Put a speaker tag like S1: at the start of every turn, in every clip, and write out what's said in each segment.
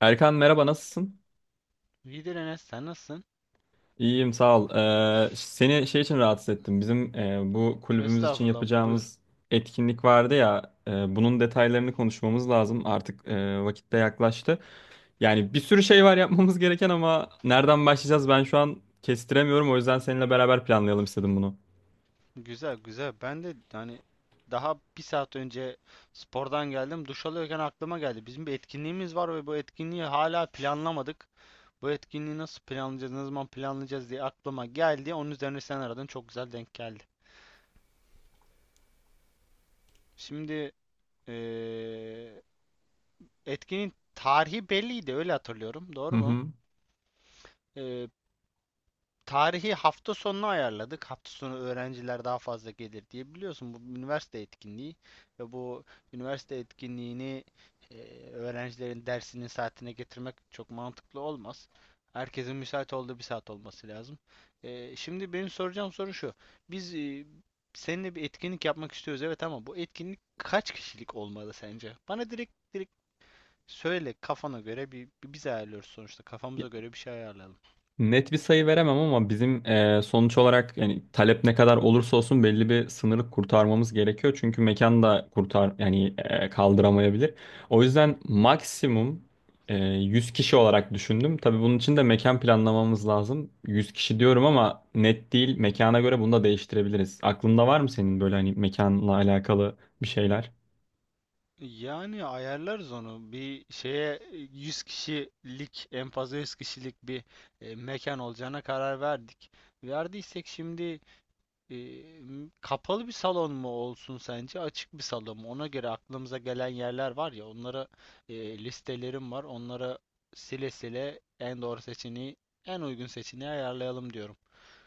S1: Erkan merhaba, nasılsın?
S2: İyidir Enes, sen nasılsın?
S1: İyiyim sağ ol. Seni şey için rahatsız ettim. Bizim bu kulübümüz için
S2: Estağfurullah, buyur.
S1: yapacağımız etkinlik vardı ya. Bunun detaylarını konuşmamız lazım. Artık vakit de yaklaştı. Yani bir sürü şey var yapmamız gereken, ama nereden başlayacağız ben şu an kestiremiyorum. O yüzden seninle beraber planlayalım istedim bunu.
S2: Güzel, güzel. Ben de hani daha bir saat önce spordan geldim. Duş alıyorken aklıma geldi. Bizim bir etkinliğimiz var ve bu etkinliği hala planlamadık. Bu etkinliği nasıl planlayacağız, ne zaman planlayacağız diye aklıma geldi. Onun üzerine sen aradın, çok güzel denk geldi. Şimdi eee, etkinin tarihi belliydi, öyle hatırlıyorum.
S1: Hı
S2: Doğru mu?
S1: hı.
S2: Tarihi hafta sonuna ayarladık. Hafta sonu öğrenciler daha fazla gelir diye biliyorsun bu üniversite etkinliği ve bu üniversite etkinliğini e, öğrencilerin dersinin saatine getirmek çok mantıklı olmaz. Herkesin müsait olduğu bir saat olması lazım. Şimdi benim soracağım soru şu. Biz seninle bir etkinlik yapmak istiyoruz, evet, ama bu etkinlik kaç kişilik olmalı sence? Bana direkt direkt söyle, kafana göre bir, biz ayarlıyoruz sonuçta, kafamıza göre bir şey ayarlayalım.
S1: Net bir sayı veremem, ama bizim sonuç olarak yani talep ne kadar olursa olsun belli bir sınırı kurtarmamız gerekiyor. Çünkü mekan da kurtar yani kaldıramayabilir. O yüzden maksimum 100 kişi olarak düşündüm. Tabii bunun için de mekan planlamamız lazım. 100 kişi diyorum ama net değil. Mekana göre bunu da değiştirebiliriz. Aklında var mı senin böyle hani mekanla alakalı bir şeyler?
S2: Yani ayarlarız onu. 100 kişilik, en fazla 100 kişilik bir mekan olacağına karar verdik. Verdiysek şimdi e, kapalı bir salon mu olsun sence? Açık bir salon mu? Ona göre aklımıza gelen yerler var ya, onlara listelerim var. Onlara sile sile en doğru seçeneği, en uygun seçeneği ayarlayalım diyorum.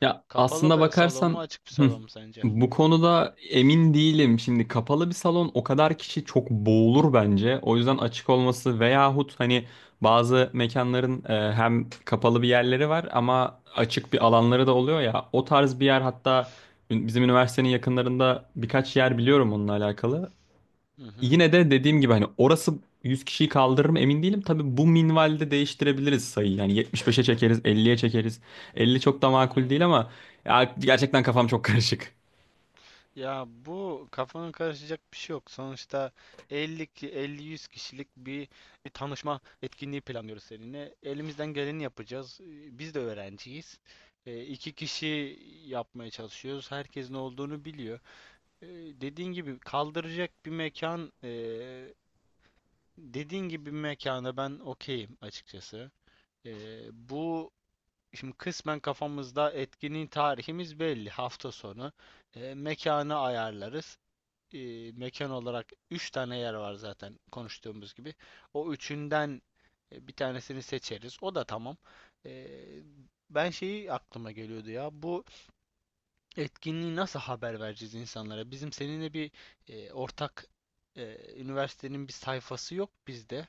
S1: Ya
S2: Kapalı
S1: aslında
S2: bir salon mu,
S1: bakarsan
S2: açık bir
S1: hı,
S2: salon mu sence?
S1: bu konuda emin değilim. Şimdi kapalı bir salon, o kadar kişi çok boğulur bence. O yüzden açık olması veyahut hani bazı mekanların hem kapalı bir yerleri var ama açık bir alanları da oluyor ya. O tarz bir yer, hatta bizim üniversitenin yakınlarında birkaç yer biliyorum onunla alakalı.
S2: Hı hı,
S1: Yine de dediğim gibi hani orası 100 kişiyi kaldırır mı emin değilim. Tabii bu minvalde değiştirebiliriz sayıyı. Yani 75'e çekeriz, 50'ye çekeriz. 50 çok da makul değil
S2: anladım.
S1: ama, ya gerçekten kafam çok karışık.
S2: Ya bu kafanın karışacak bir şey yok. Sonuçta 50-100 kişilik bir tanışma etkinliği planlıyoruz seninle. Elimizden geleni yapacağız. Biz de öğrenciyiz. İki kişi yapmaya çalışıyoruz. Herkes ne olduğunu biliyor. Ee, Dediğin gibi kaldıracak bir mekan, dediğin gibi bir mekana ben okeyim açıkçası. Bu şimdi kısmen kafamızda etkinliğin tarihimiz belli. Hafta sonu. Mekanı ayarlarız, mekan olarak 3 tane yer var zaten konuştuğumuz gibi. O üçünden bir tanesini seçeriz. O da tamam. E, Ben şeyi aklıma geliyordu ya. Bu etkinliği nasıl haber vereceğiz insanlara? Bizim seninle bir ortak üniversitenin bir sayfası yok bizde.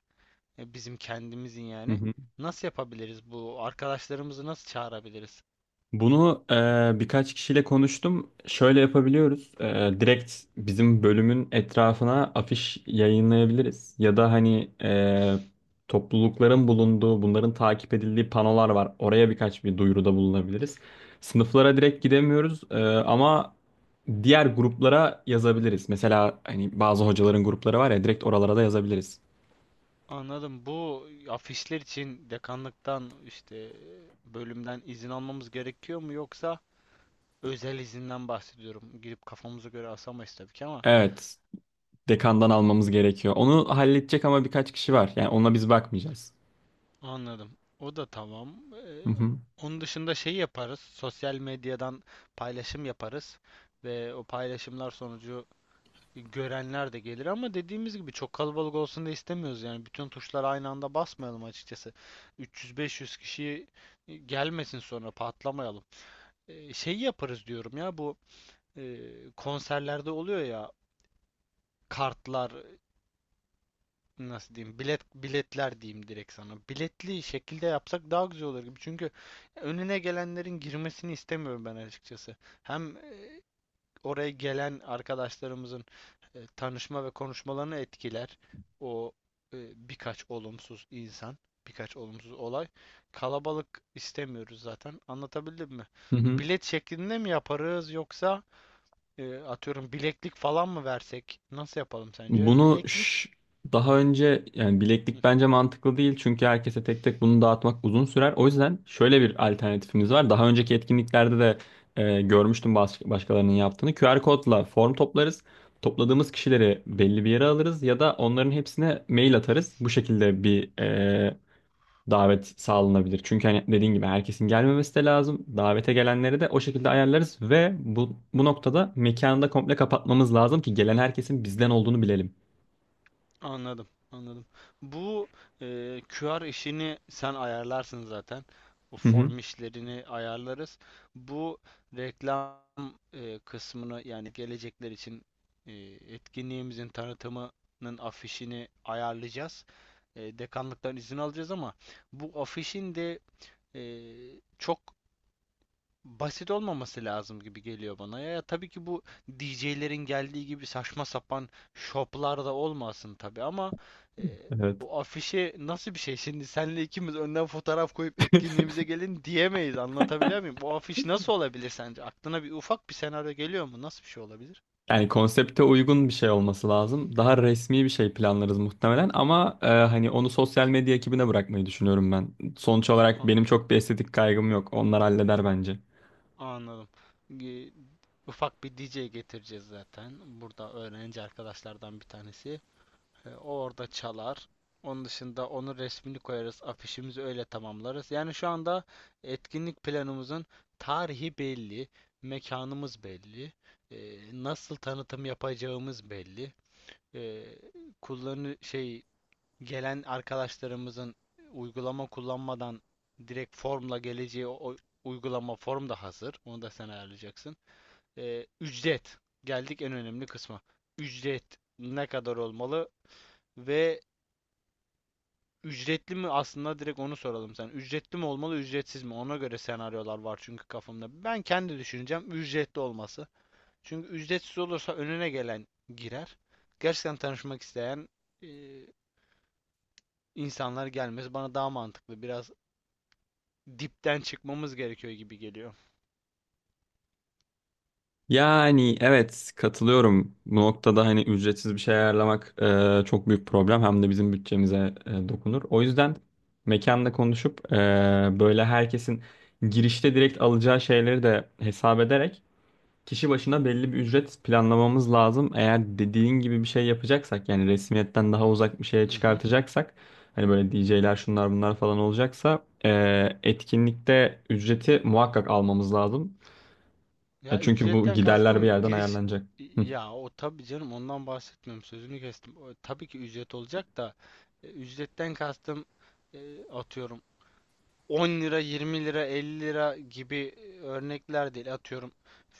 S2: Bizim kendimizin
S1: Hı
S2: yani.
S1: hı.
S2: Nasıl yapabiliriz bu? Arkadaşlarımızı nasıl çağırabiliriz?
S1: Bunu birkaç kişiyle konuştum. Şöyle yapabiliyoruz. Direkt bizim bölümün etrafına afiş yayınlayabiliriz. Ya da hani toplulukların bulunduğu, bunların takip edildiği panolar var. Oraya birkaç bir duyuruda bulunabiliriz. Sınıflara direkt gidemiyoruz ama diğer gruplara yazabiliriz. Mesela hani bazı hocaların grupları var ya, direkt oralara da yazabiliriz.
S2: Anladım. Bu afişler için dekanlıktan, işte bölümden izin almamız gerekiyor mu, yoksa özel izinden bahsediyorum. Girip kafamıza göre asamayız tabii ki ama
S1: Evet, dekandan almamız gerekiyor. Onu halledecek ama birkaç kişi var. Yani ona biz bakmayacağız.
S2: anladım. O da tamam.
S1: Hı hı.
S2: Onun dışında şey yaparız. Sosyal medyadan paylaşım yaparız ve o paylaşımlar sonucu görenler de gelir, ama dediğimiz gibi çok kalabalık olsun da istemiyoruz. Yani bütün tuşlara aynı anda basmayalım açıkçası. 300-500 kişi gelmesin sonra patlamayalım. Şeyi yaparız diyorum ya, bu e, konserlerde oluyor ya, kartlar, nasıl diyeyim, biletler diyeyim, direkt sana biletli şekilde yapsak daha güzel olur gibi, çünkü önüne gelenlerin girmesini istemiyorum ben açıkçası. Hem oraya gelen arkadaşlarımızın tanışma ve konuşmalarını etkiler o e, birkaç olumsuz insan, birkaç olumsuz olay. Kalabalık istemiyoruz zaten, anlatabildim mi?
S1: Hı hı.
S2: Bilet şeklinde mi yaparız, yoksa atıyorum bileklik falan mı versek? Nasıl yapalım sence?
S1: Bunu
S2: Bileklik.
S1: ş- Daha önce yani
S2: Hı.
S1: bileklik bence mantıklı değil çünkü herkese tek tek bunu dağıtmak uzun sürer. O yüzden şöyle bir alternatifimiz var. Daha önceki etkinliklerde de görmüştüm başkalarının yaptığını. QR kodla form toplarız. Topladığımız kişileri belli bir yere alırız ya da onların hepsine mail atarız. Bu şekilde bir davet sağlanabilir. Çünkü hani dediğin gibi herkesin gelmemesi de lazım. Davete gelenleri de o şekilde ayarlarız ve bu noktada mekanı da komple kapatmamız lazım ki gelen herkesin bizden olduğunu bilelim.
S2: Anladım, anladım. Bu QR işini sen ayarlarsın zaten. O
S1: Hı hı.
S2: form işlerini ayarlarız. Bu reklam kısmını, yani gelecekler için e, etkinliğimizin tanıtımının afişini ayarlayacağız. Dekanlıktan izin alacağız, ama bu afişin de e, çok basit olmaması lazım gibi geliyor bana. Ya, ya tabii ki bu DJ'lerin geldiği gibi saçma sapan şoplar da olmasın tabii, ama e,
S1: Evet.
S2: o afişe nasıl bir şey? Şimdi senle ikimiz önden fotoğraf koyup etkinliğimize gelin diyemeyiz. Anlatabiliyor muyum? O afiş nasıl olabilir sence? Aklına bir ufak bir senaryo geliyor mu? Nasıl bir şey olabilir?
S1: Yani konsepte uygun bir şey olması lazım. Daha resmi bir şey planlarız muhtemelen ama hani onu sosyal medya ekibine bırakmayı düşünüyorum ben. Sonuç olarak
S2: Ha,
S1: benim çok bir estetik kaygım yok. Onlar halleder bence.
S2: anladım. Ge- Ufak bir DJ getireceğiz zaten. Burada öğrenci arkadaşlardan bir tanesi. O orada çalar. Onun dışında onun resmini koyarız, afişimizi öyle tamamlarız. Yani şu anda etkinlik planımızın tarihi belli, mekanımız belli, nasıl tanıtım yapacağımız belli, e, kullanı şey, gelen arkadaşlarımızın uygulama kullanmadan direkt formla geleceği o uygulama form da hazır. Onu da sen ayarlayacaksın. Ücret. Geldik en önemli kısma. Ücret ne kadar olmalı? Ve ücretli mi? Aslında direkt onu soralım sen. Ücretli mi olmalı, ücretsiz mi? Ona göre senaryolar var çünkü kafamda. Ben kendi düşüneceğim ücretli olması. Çünkü ücretsiz olursa önüne gelen girer. Gerçekten tanışmak isteyen e, insanlar gelmez. Bana daha mantıklı. Biraz dipten çıkmamız gerekiyor gibi geliyor.
S1: Yani evet, katılıyorum. Bu noktada hani ücretsiz bir şey ayarlamak çok büyük problem. Hem de bizim bütçemize dokunur. O yüzden mekanla konuşup böyle herkesin girişte direkt alacağı şeyleri de hesap ederek kişi başına belli bir ücret planlamamız lazım. Eğer dediğin gibi bir şey yapacaksak, yani resmiyetten daha uzak bir şeye
S2: Hı hı.
S1: çıkartacaksak, hani böyle DJ'ler şunlar bunlar falan olacaksa etkinlikte ücreti muhakkak almamız lazım. Ya
S2: Ya
S1: çünkü bu
S2: ücretten
S1: giderler bir
S2: kastım
S1: yerden
S2: giriş,
S1: ayarlanacak. Hı.
S2: ya o tabii canım, ondan bahsetmiyorum. Sözünü kestim. O, tabii ki ücret olacak da, ücretten kastım atıyorum 10 lira, 20 lira, 50 lira gibi örnekler değil. Atıyorum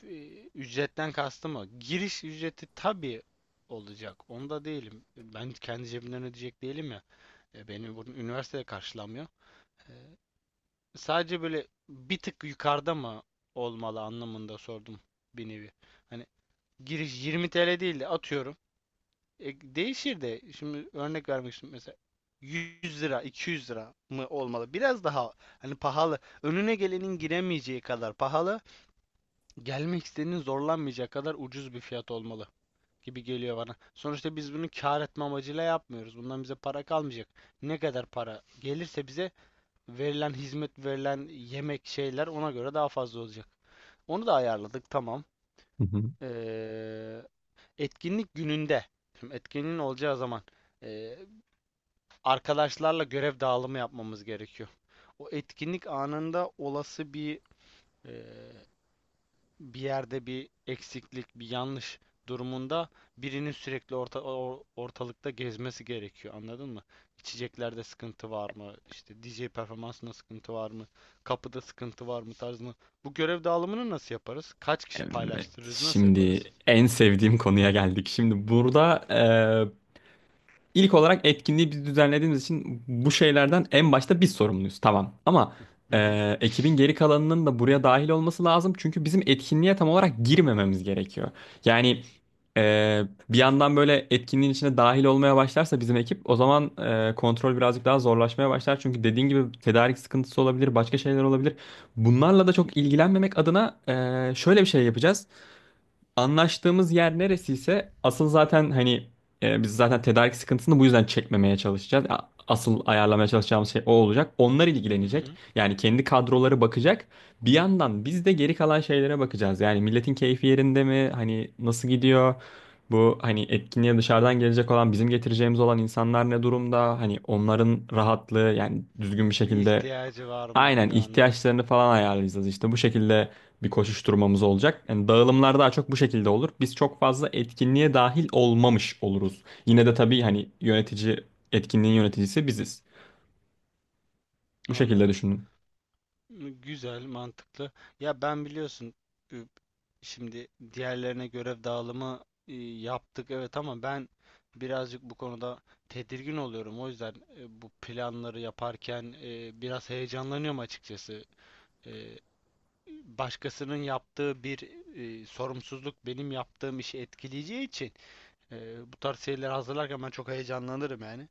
S2: ücretten kastım o. Giriş ücreti tabii olacak. Onda değilim. Ben kendi cebimden ödeyecek değilim ya. Benim bunun üniversitede karşılamıyor. E, Sadece böyle bir tık yukarıda mı olmalı anlamında sordum bir nevi. Hani giriş 20 TL değil de atıyorum değişir de şimdi örnek vermek istiyorum mesela, 100 lira 200 lira mı olmalı? Biraz daha hani pahalı, önüne gelenin giremeyeceği kadar pahalı, gelmek isteyenin zorlanmayacağı kadar ucuz bir fiyat olmalı gibi geliyor bana. Sonuçta biz bunu kar etme amacıyla yapmıyoruz. Bundan bize para kalmayacak. Ne kadar para gelirse bize verilen hizmet, verilen yemek şeyler ona göre daha fazla olacak. Onu da ayarladık, tamam.
S1: Hı hı.
S2: Ee, Etkinlik gününde. Şimdi etkinliğin olacağı zaman. Ee, Arkadaşlarla görev dağılımı yapmamız gerekiyor. O etkinlik anında olası bir e, bir yerde bir eksiklik, bir yanlış durumunda birinin sürekli ortalıkta gezmesi gerekiyor. Anladın mı? İçeceklerde sıkıntı var mı? İşte DJ performansında sıkıntı var mı? Kapıda sıkıntı var mı tarzında. Bu görev dağılımını nasıl yaparız? Kaç kişi
S1: Evet,
S2: paylaştırırız? Nasıl yaparız?
S1: şimdi en sevdiğim konuya geldik. Şimdi burada İlk olarak etkinliği biz düzenlediğimiz için bu şeylerden en başta biz sorumluyuz. Tamam. Ama
S2: Hı hı.
S1: ekibin geri kalanının da buraya dahil olması lazım. Çünkü bizim etkinliğe tam olarak girmememiz gerekiyor. Yani e, bir yandan böyle etkinliğin içine dahil olmaya başlarsa bizim ekip, o zaman kontrol birazcık daha zorlaşmaya başlar. Çünkü dediğin gibi tedarik sıkıntısı olabilir, başka şeyler olabilir. Bunlarla da çok ilgilenmemek adına şöyle bir şey yapacağız. Anlaştığımız yer neresiyse asıl zaten hani biz zaten tedarik sıkıntısını bu yüzden çekmemeye çalışacağız. Asıl ayarlamaya çalışacağımız şey o olacak. Onlar
S2: Hı
S1: ilgilenecek.
S2: hı.
S1: Yani kendi kadroları bakacak. Bir yandan biz de geri kalan şeylere bakacağız. Yani milletin keyfi yerinde mi? Hani nasıl gidiyor? Bu hani etkinliğe dışarıdan gelecek olan, bizim getireceğimiz olan insanlar ne durumda? Hani onların rahatlığı yani düzgün bir
S2: Bir
S1: şekilde.
S2: ihtiyacı var mı
S1: Aynen,
S2: gibi, anladım.
S1: ihtiyaçlarını falan ayarlayacağız işte bu şekilde bir koşuşturmamız olacak. Yani dağılımlar daha çok bu şekilde olur. Biz çok fazla etkinliğe dahil olmamış oluruz. Yine de tabii hani yönetici, etkinliğin yöneticisi biziz. Bu şekilde
S2: Anladım.
S1: düşünün.
S2: Güzel, mantıklı. Ya ben biliyorsun, ü- şimdi diğerlerine görev dağılımı yaptık evet, ama ben birazcık bu konuda tedirgin oluyorum. O yüzden bu planları yaparken biraz heyecanlanıyorum açıkçası. E, Başkasının yaptığı bir sorumsuzluk benim yaptığım işi etkileyeceği için e, bu tarz şeyleri hazırlarken ben çok heyecanlanırım yani.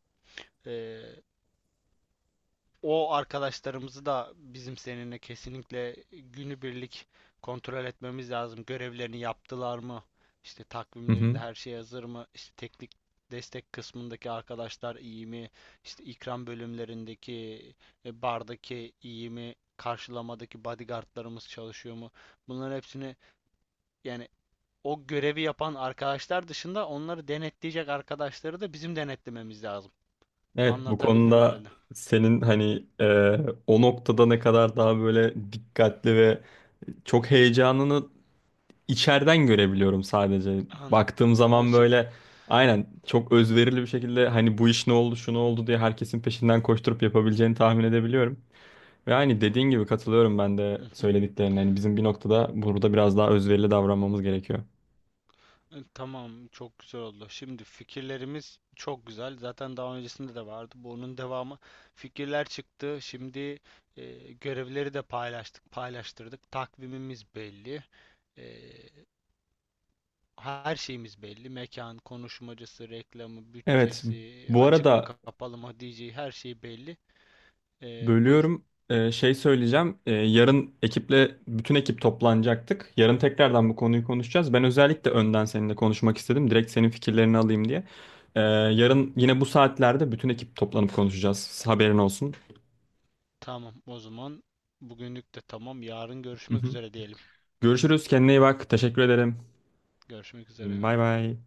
S2: E, O arkadaşlarımızı da bizim seninle kesinlikle günübirlik kontrol etmemiz lazım. Görevlerini yaptılar mı? İşte
S1: Hı hı.
S2: takvimlerinde her şey hazır mı? İşte teknik destek kısmındaki arkadaşlar iyi mi? İşte ikram bölümlerindeki bardaki iyi mi? Karşılamadaki bodyguardlarımız çalışıyor mu? Bunların hepsini, yani o görevi yapan arkadaşlar dışında onları denetleyecek arkadaşları da bizim denetlememiz lazım.
S1: Evet, bu
S2: Anlatabildim
S1: konuda
S2: herhalde.
S1: senin hani o noktada ne kadar daha böyle dikkatli ve çok heyecanını içeriden görebiliyorum sadece.
S2: An.
S1: Baktığım
S2: Ha, o
S1: zaman
S2: şekil.
S1: böyle aynen çok özverili bir şekilde hani bu iş ne oldu, şu ne oldu diye herkesin peşinden koşturup yapabileceğini tahmin edebiliyorum. Ve aynı dediğin gibi katılıyorum ben de
S2: Hı hı.
S1: söylediklerine. Yani bizim bir noktada burada biraz daha özverili davranmamız gerekiyor.
S2: Tamam, çok güzel oldu. Şimdi fikirlerimiz çok güzel. Zaten daha öncesinde de vardı. Bunun devamı fikirler çıktı. Şimdi görevleri de paylaştık, paylaştırdık. Takvimimiz belli. E, Her şeyimiz belli. Mekan, konuşmacısı, reklamı,
S1: Evet,
S2: bütçesi,
S1: bu
S2: açık mı
S1: arada
S2: kapalı mı diyeceği her şey belli. Buyur.
S1: bölüyorum. Şey söyleyeceğim. Yarın ekiple, bütün ekip toplanacaktık. Yarın tekrardan bu konuyu konuşacağız. Ben özellikle önden seninle konuşmak istedim. Direkt senin fikirlerini alayım diye. Yarın yine bu saatlerde bütün ekip toplanıp konuşacağız. Haberin olsun.
S2: Tamam, o zaman bugünlük de tamam. Yarın
S1: Hı
S2: görüşmek
S1: hı.
S2: üzere diyelim.
S1: Görüşürüz. Kendine iyi bak. Teşekkür ederim.
S2: Görüşmek üzere.
S1: Bay bay.